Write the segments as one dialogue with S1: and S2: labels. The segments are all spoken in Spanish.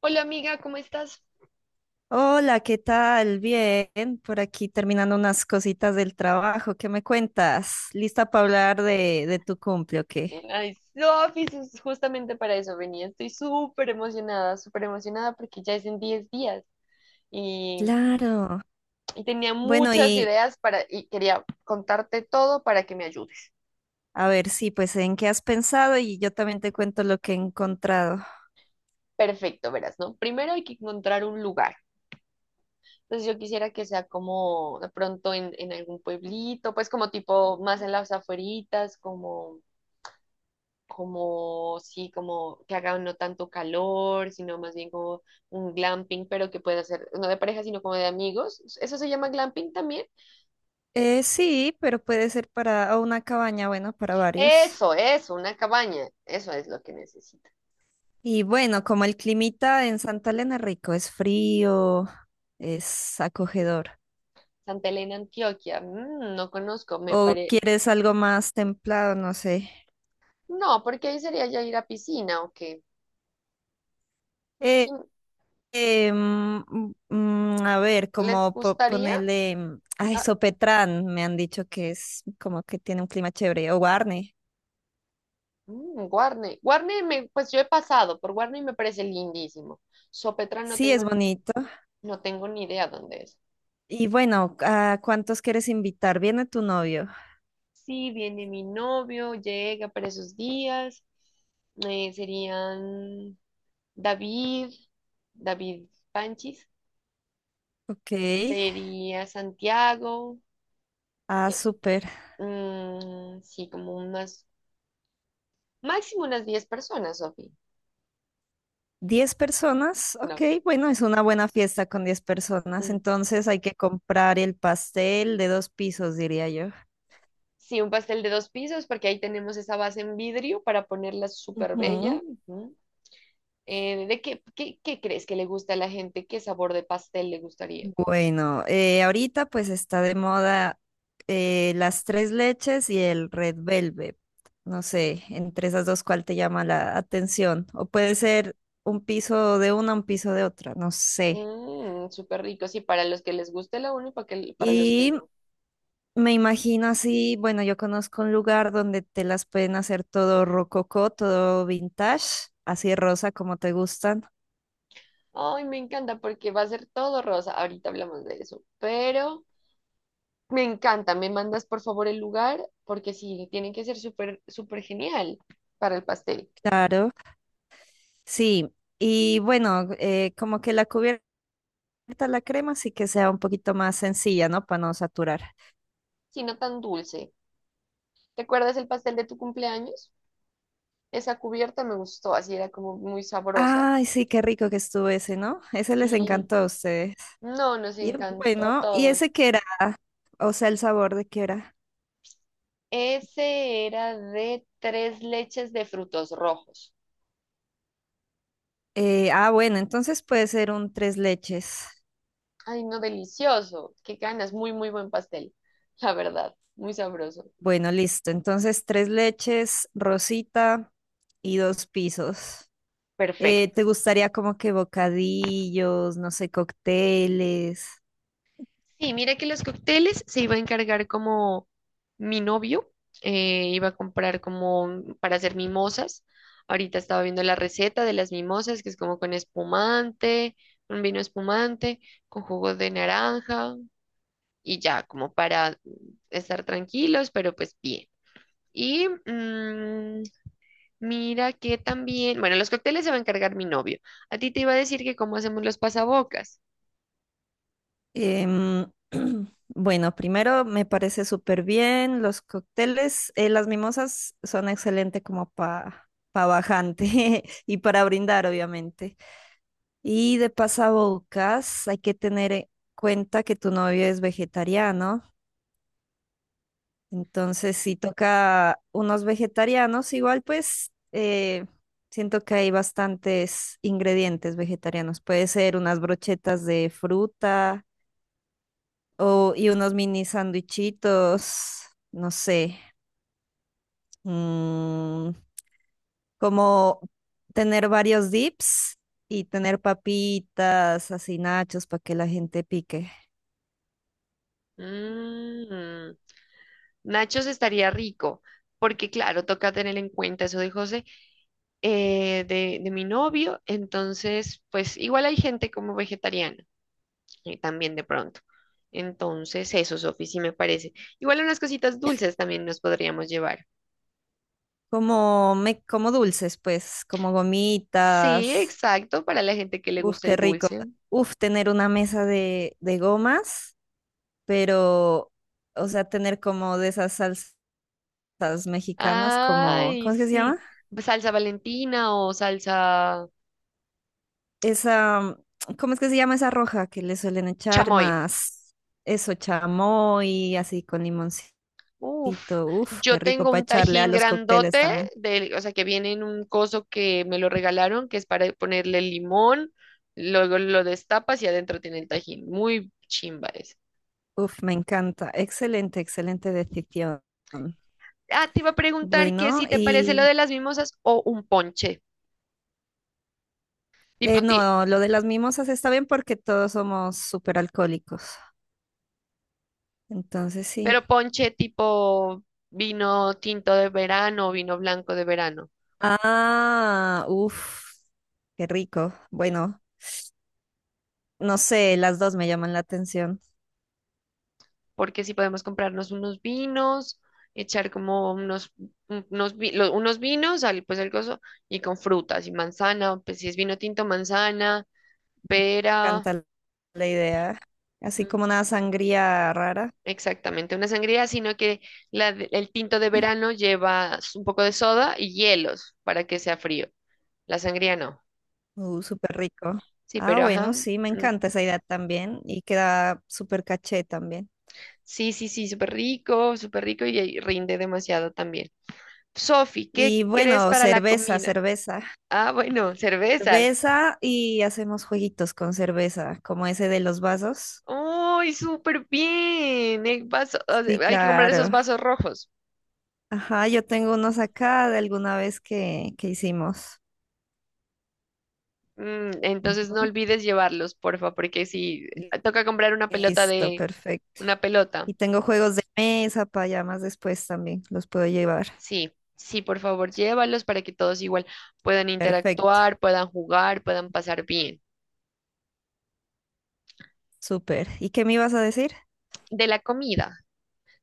S1: Hola amiga, ¿cómo estás?
S2: Hola, ¿qué tal? Bien, por aquí terminando unas cositas del trabajo. ¿Qué me cuentas? ¿Lista para hablar de tu cumple o qué?
S1: Ay, Sofi, es justamente para eso venía. Estoy súper emocionada porque ya es en 10 días y,
S2: Claro.
S1: y tenía
S2: Bueno,
S1: muchas
S2: y
S1: ideas para y quería contarte todo para que me ayudes.
S2: a ver, sí, pues en qué has pensado y yo también te cuento lo que he encontrado.
S1: Perfecto, verás, ¿no? Primero hay que encontrar un lugar. Entonces yo quisiera que sea como de pronto en algún pueblito, pues como tipo más en las afueritas, como sí, como que haga no tanto calor, sino más bien como un glamping, pero que pueda ser no de pareja, sino como de amigos. ¿Eso se llama glamping también?
S2: Sí, pero puede ser para o una cabaña, bueno, para varios.
S1: Eso, una cabaña. Eso es lo que necesita.
S2: Y bueno, como el climita en Santa Elena es rico, es frío, es acogedor.
S1: Santa Elena, Antioquia. No conozco, me
S2: ¿O
S1: pare...
S2: quieres algo más templado? No sé.
S1: No, porque ahí sería ya ir a piscina o qué.
S2: Eh,
S1: Mm,
S2: Em, a ver,
S1: ¿Les
S2: como
S1: gustaría?
S2: ponerle ay,
S1: Ah,
S2: Sopetrán, me han dicho que es como que tiene un clima chévere, o Guarne.
S1: Guarne. Guarne, pues yo he pasado por Guarne y me parece lindísimo. Sopetrán
S2: Sí, es bonito.
S1: no tengo ni idea dónde es.
S2: Y bueno, ¿a cuántos quieres invitar? Viene tu novio.
S1: Sí, viene mi novio, llega para esos días. Serían David, David Panchis,
S2: Ok.
S1: sería Santiago.
S2: Ah,
S1: eh,
S2: súper.
S1: sí, máximo unas 10 personas, Sofi.
S2: ¿10 personas? Ok,
S1: No,
S2: bueno, es una buena fiesta con 10 personas.
S1: mm.
S2: Entonces hay que comprar el pastel de dos pisos, diría yo.
S1: Sí, un pastel de dos pisos, porque ahí tenemos esa base en vidrio para ponerla súper bella.
S2: Ujú.
S1: Ujú. ¿Qué crees que le gusta a la gente? ¿Qué sabor de pastel le gustaría?
S2: Bueno, ahorita pues está de moda las tres leches y el Red Velvet. No sé, entre esas dos, ¿cuál te llama la atención? O puede ser un piso de una, un piso de otra, no sé.
S1: Mmm, súper rico, sí, para los que les guste la uno y para los que
S2: Y
S1: no.
S2: me imagino así, bueno, yo conozco un lugar donde te las pueden hacer todo rococó, todo vintage, así rosa como te gustan,
S1: Ay, me encanta porque va a ser todo rosa. Ahorita hablamos de eso, pero me encanta. Me mandas por favor el lugar porque sí, tiene que ser súper, súper genial para el pastel,
S2: claro. Sí, y bueno, como que la cubierta está la crema, así que sea un poquito más sencilla, ¿no? Para no saturar.
S1: si no tan dulce. ¿Te acuerdas el pastel de tu cumpleaños? Esa cubierta me gustó, así era como muy sabrosa.
S2: Ay, sí, qué rico que estuvo ese, ¿no? Ese les
S1: Sí,
S2: encantó a ustedes.
S1: no, nos
S2: Y
S1: encantó a
S2: bueno, ¿y
S1: todos.
S2: ese qué era? O sea, el sabor de qué era.
S1: Ese era de tres leches de frutos rojos.
S2: Bueno, entonces puede ser un tres leches.
S1: Ay, no, delicioso. Qué ganas. Muy, muy buen pastel. La verdad, muy sabroso.
S2: Bueno, listo. Entonces, tres leches, rosita y dos pisos.
S1: Perfecto.
S2: ¿Te gustaría como que bocadillos, no sé, cócteles?
S1: Sí, mira que los cócteles se iba a encargar como mi novio, iba a comprar para hacer mimosas. Ahorita estaba viendo la receta de las mimosas, que es como con espumante, un vino espumante, con jugo de naranja y ya, como para estar tranquilos, pero pues bien. Y mira que también, bueno, los cócteles se va a encargar mi novio. A ti te iba a decir que cómo hacemos los pasabocas.
S2: Em, bueno, primero me parece súper bien los cócteles. Las mimosas son excelentes como para bajante y para brindar, obviamente. Y de pasabocas, hay que tener en cuenta que tu novio es vegetariano. Entonces, si toca unos vegetarianos, igual pues siento que hay bastantes ingredientes vegetarianos. Puede ser unas brochetas de fruta O, y unos mini sándwichitos no sé, mm, como tener varios dips y tener papitas, así nachos para que la gente pique.
S1: Mm, Nachos estaría rico, porque claro, toca tener en cuenta eso de José, de mi novio. Entonces, pues igual hay gente como vegetariana, también de pronto. Entonces, eso, Sofi, sí me parece. Igual unas cositas dulces también nos podríamos llevar.
S2: Como, me, como dulces, pues, como
S1: Sí,
S2: gomitas.
S1: exacto, para la gente que le
S2: Uf,
S1: gusta
S2: qué
S1: el
S2: rico.
S1: dulce.
S2: Uf, tener una mesa de gomas, pero, o sea, tener como de esas salsas mexicanas, como,
S1: Ay,
S2: ¿cómo es que se llama?
S1: sí. Salsa Valentina o salsa
S2: Esa, ¿cómo es que se llama esa roja que le suelen echar
S1: chamoy.
S2: más eso, chamoy, así con limoncito?
S1: Uf,
S2: Uf, qué
S1: yo
S2: rico
S1: tengo
S2: para
S1: un
S2: echarle a
S1: tajín
S2: los cócteles
S1: grandote,
S2: también.
S1: de, o sea, que viene en un coso que me lo regalaron, que es para ponerle limón, luego lo destapas y adentro tiene el tajín. Muy chimba ese.
S2: Uf, me encanta. Excelente, excelente decisión.
S1: Ah, te iba a preguntar que
S2: Bueno,
S1: si te parece lo
S2: y
S1: de las mimosas o un ponche, tipo ti-
S2: no, lo de las mimosas está bien porque todos somos súper alcohólicos. Entonces sí.
S1: pero ponche tipo vino tinto de verano o vino blanco de verano.
S2: Ah, uf, qué rico. Bueno, no sé, las dos me llaman la atención.
S1: Porque si podemos comprarnos unos vinos, echar como unos, un- unos, vi- lo- unos vinos, y con frutas y manzana, pues si es vino tinto, manzana, pera,
S2: Encanta la idea. Así como
S1: ujú,
S2: una sangría rara.
S1: exactamente, una sangría, sino que el tinto de verano lleva un poco de soda y hielos para que sea frío. La sangría no.
S2: Súper rico.
S1: Sí,
S2: Ah,
S1: pero ajá.
S2: bueno, sí, me encanta esa idea también. Y queda súper caché también.
S1: Sí, sí, sí, súper rico y ahí rinde demasiado también. Sofi, ¿qué
S2: Y
S1: crees
S2: bueno,
S1: para la
S2: cerveza,
S1: comida?
S2: cerveza.
S1: Ah, bueno, cervezas.
S2: Cerveza y hacemos jueguitos con cerveza, como ese de los vasos.
S1: ¡Uy, súper bien! El vaso, o
S2: Sí,
S1: sea, hay que comprar esos
S2: claro.
S1: vasos rojos.
S2: Ajá, yo tengo unos acá de alguna vez que hicimos.
S1: Entonces no
S2: Ujú.
S1: olvides llevarlos, porfa, porque si
S2: Li-
S1: toca comprar una pelota
S2: Listo,
S1: de
S2: perfecto.
S1: una pelota.
S2: Y tengo juegos de mesa para ya más después también, los puedo llevar.
S1: Sí, sí, por favor, llévalos para que todos igual puedan
S2: Perfecto.
S1: interactuar, puedan jugar, puedan pasar bien.
S2: Súper. ¿Y qué me ibas a decir?
S1: De la comida,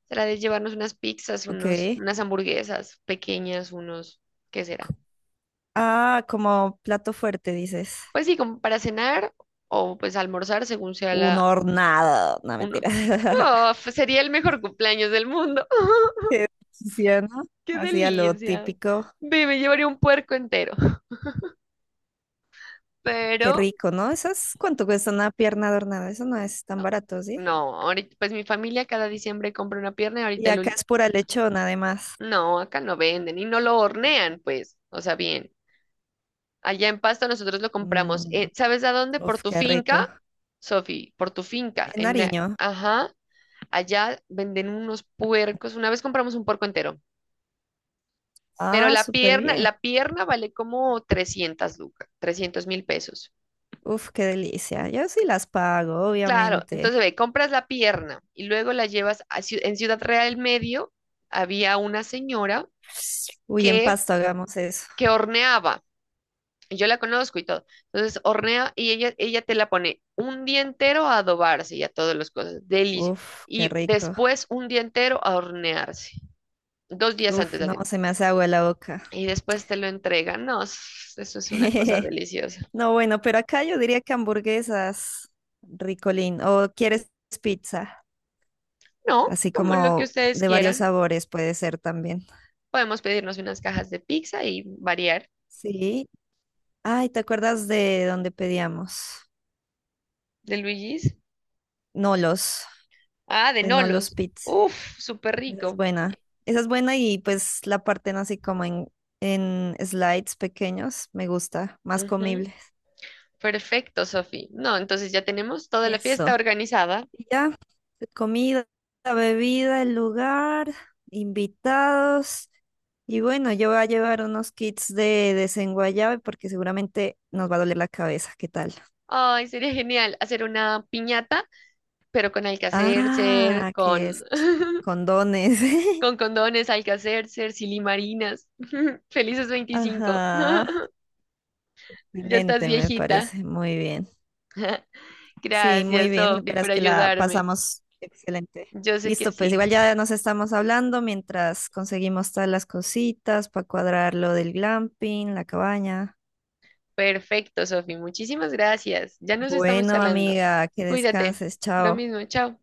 S1: será de llevarnos unas pizzas,
S2: Ok.
S1: unas hamburguesas pequeñas, ¿qué será?
S2: Ah, como plato fuerte, dices.
S1: Pues sí, como para cenar o pues almorzar según sea
S2: Un
S1: la,
S2: hornado. No,
S1: Uno.
S2: mentira.
S1: Oh, pues sería el mejor cumpleaños del mundo.
S2: Qué delicia, ¿no?
S1: ¡Qué
S2: Así a lo
S1: delicia!
S2: típico.
S1: Ve, me llevaría un puerco entero.
S2: Qué
S1: Pero,
S2: rico, ¿no? ¿Esas cuánto cuesta una pierna de hornado? Eso no es tan barato, ¿sí?
S1: no, ahorita, pues mi familia cada diciembre compra una pierna.
S2: Y acá es pura lechona, además.
S1: No, acá no venden y no lo hornean, pues. O sea, bien. Allá en Pasto nosotros lo compramos.
S2: Mm,
S1: ¿Sabes a dónde? Por
S2: uf,
S1: tu
S2: qué rico.
S1: finca, Sofi, por tu finca.
S2: En
S1: En, la-
S2: Nariño.
S1: ajá, allá venden unos puercos. Una vez compramos un puerco entero. Pero
S2: Ah,
S1: la
S2: súper
S1: pierna,
S2: bien.
S1: la pierna vale como 300 lucas, 300.000 pesos.
S2: Uf, qué delicia. Yo sí las pago,
S1: Claro,
S2: obviamente.
S1: entonces ve, compras la pierna y luego la llevas en Ciudad Real del Medio había una señora
S2: Uy, en
S1: que
S2: Pasto hagamos eso.
S1: que horneaba. Y yo la conozco y todo. Entonces hornea y ella te la pone un día entero a adobarse y a todas las cosas,
S2: Uf, qué
S1: y
S2: rico.
S1: después un día entero a hornearse. 2 días antes
S2: Uf,
S1: la
S2: no,
S1: tiene.
S2: se me hace agua la boca.
S1: Y después te lo entregan. No, eso es una cosa deliciosa.
S2: No, bueno, pero acá yo diría que hamburguesas, ricolín, o quieres pizza,
S1: No,
S2: así
S1: como lo que
S2: como
S1: ustedes
S2: de varios
S1: quieran.
S2: sabores puede ser también.
S1: Podemos pedirnos unas cajas de pizza y variar.
S2: Sí. Ay, ¿te acuerdas de dónde pedíamos?
S1: De Luigi's.
S2: Nolos,
S1: Ah, de
S2: de Nolos
S1: Nolos.
S2: Pizza.
S1: Uf, súper
S2: Esa es
S1: rico.
S2: buena. Esa es buena y pues la parten así como en slides pequeños, me gusta, más
S1: Ujú.
S2: comible.
S1: Perfecto, Sofi. No, entonces ya tenemos toda la fiesta
S2: Eso.
S1: organizada.
S2: Y ya, comida, bebida, el lugar, invitados. Y bueno, yo voy a llevar unos kits de desenguayabe porque seguramente nos va a doler la cabeza. ¿Qué tal?
S1: Ay, sería genial hacer una piñata, pero con Alcacercer,
S2: Ah, que
S1: con,
S2: es condones.
S1: con condones, Alcacercer, silimarinas. Felices 25.
S2: Ajá.
S1: Ya estás
S2: Excelente, me
S1: viejita.
S2: parece. Muy bien. Sí, muy
S1: Gracias,
S2: bien.
S1: Sofi,
S2: Verás
S1: por
S2: que la
S1: ayudarme.
S2: pasamos excelente.
S1: Yo sé que
S2: Listo, pues
S1: sí.
S2: igual ya nos estamos hablando mientras conseguimos todas las cositas para cuadrar lo del glamping, la cabaña.
S1: Perfecto, Sofi. Muchísimas gracias. Ya nos estamos
S2: Bueno,
S1: charlando.
S2: amiga, que
S1: Cuídate.
S2: descanses,
S1: Lo
S2: chao.
S1: mismo, chao.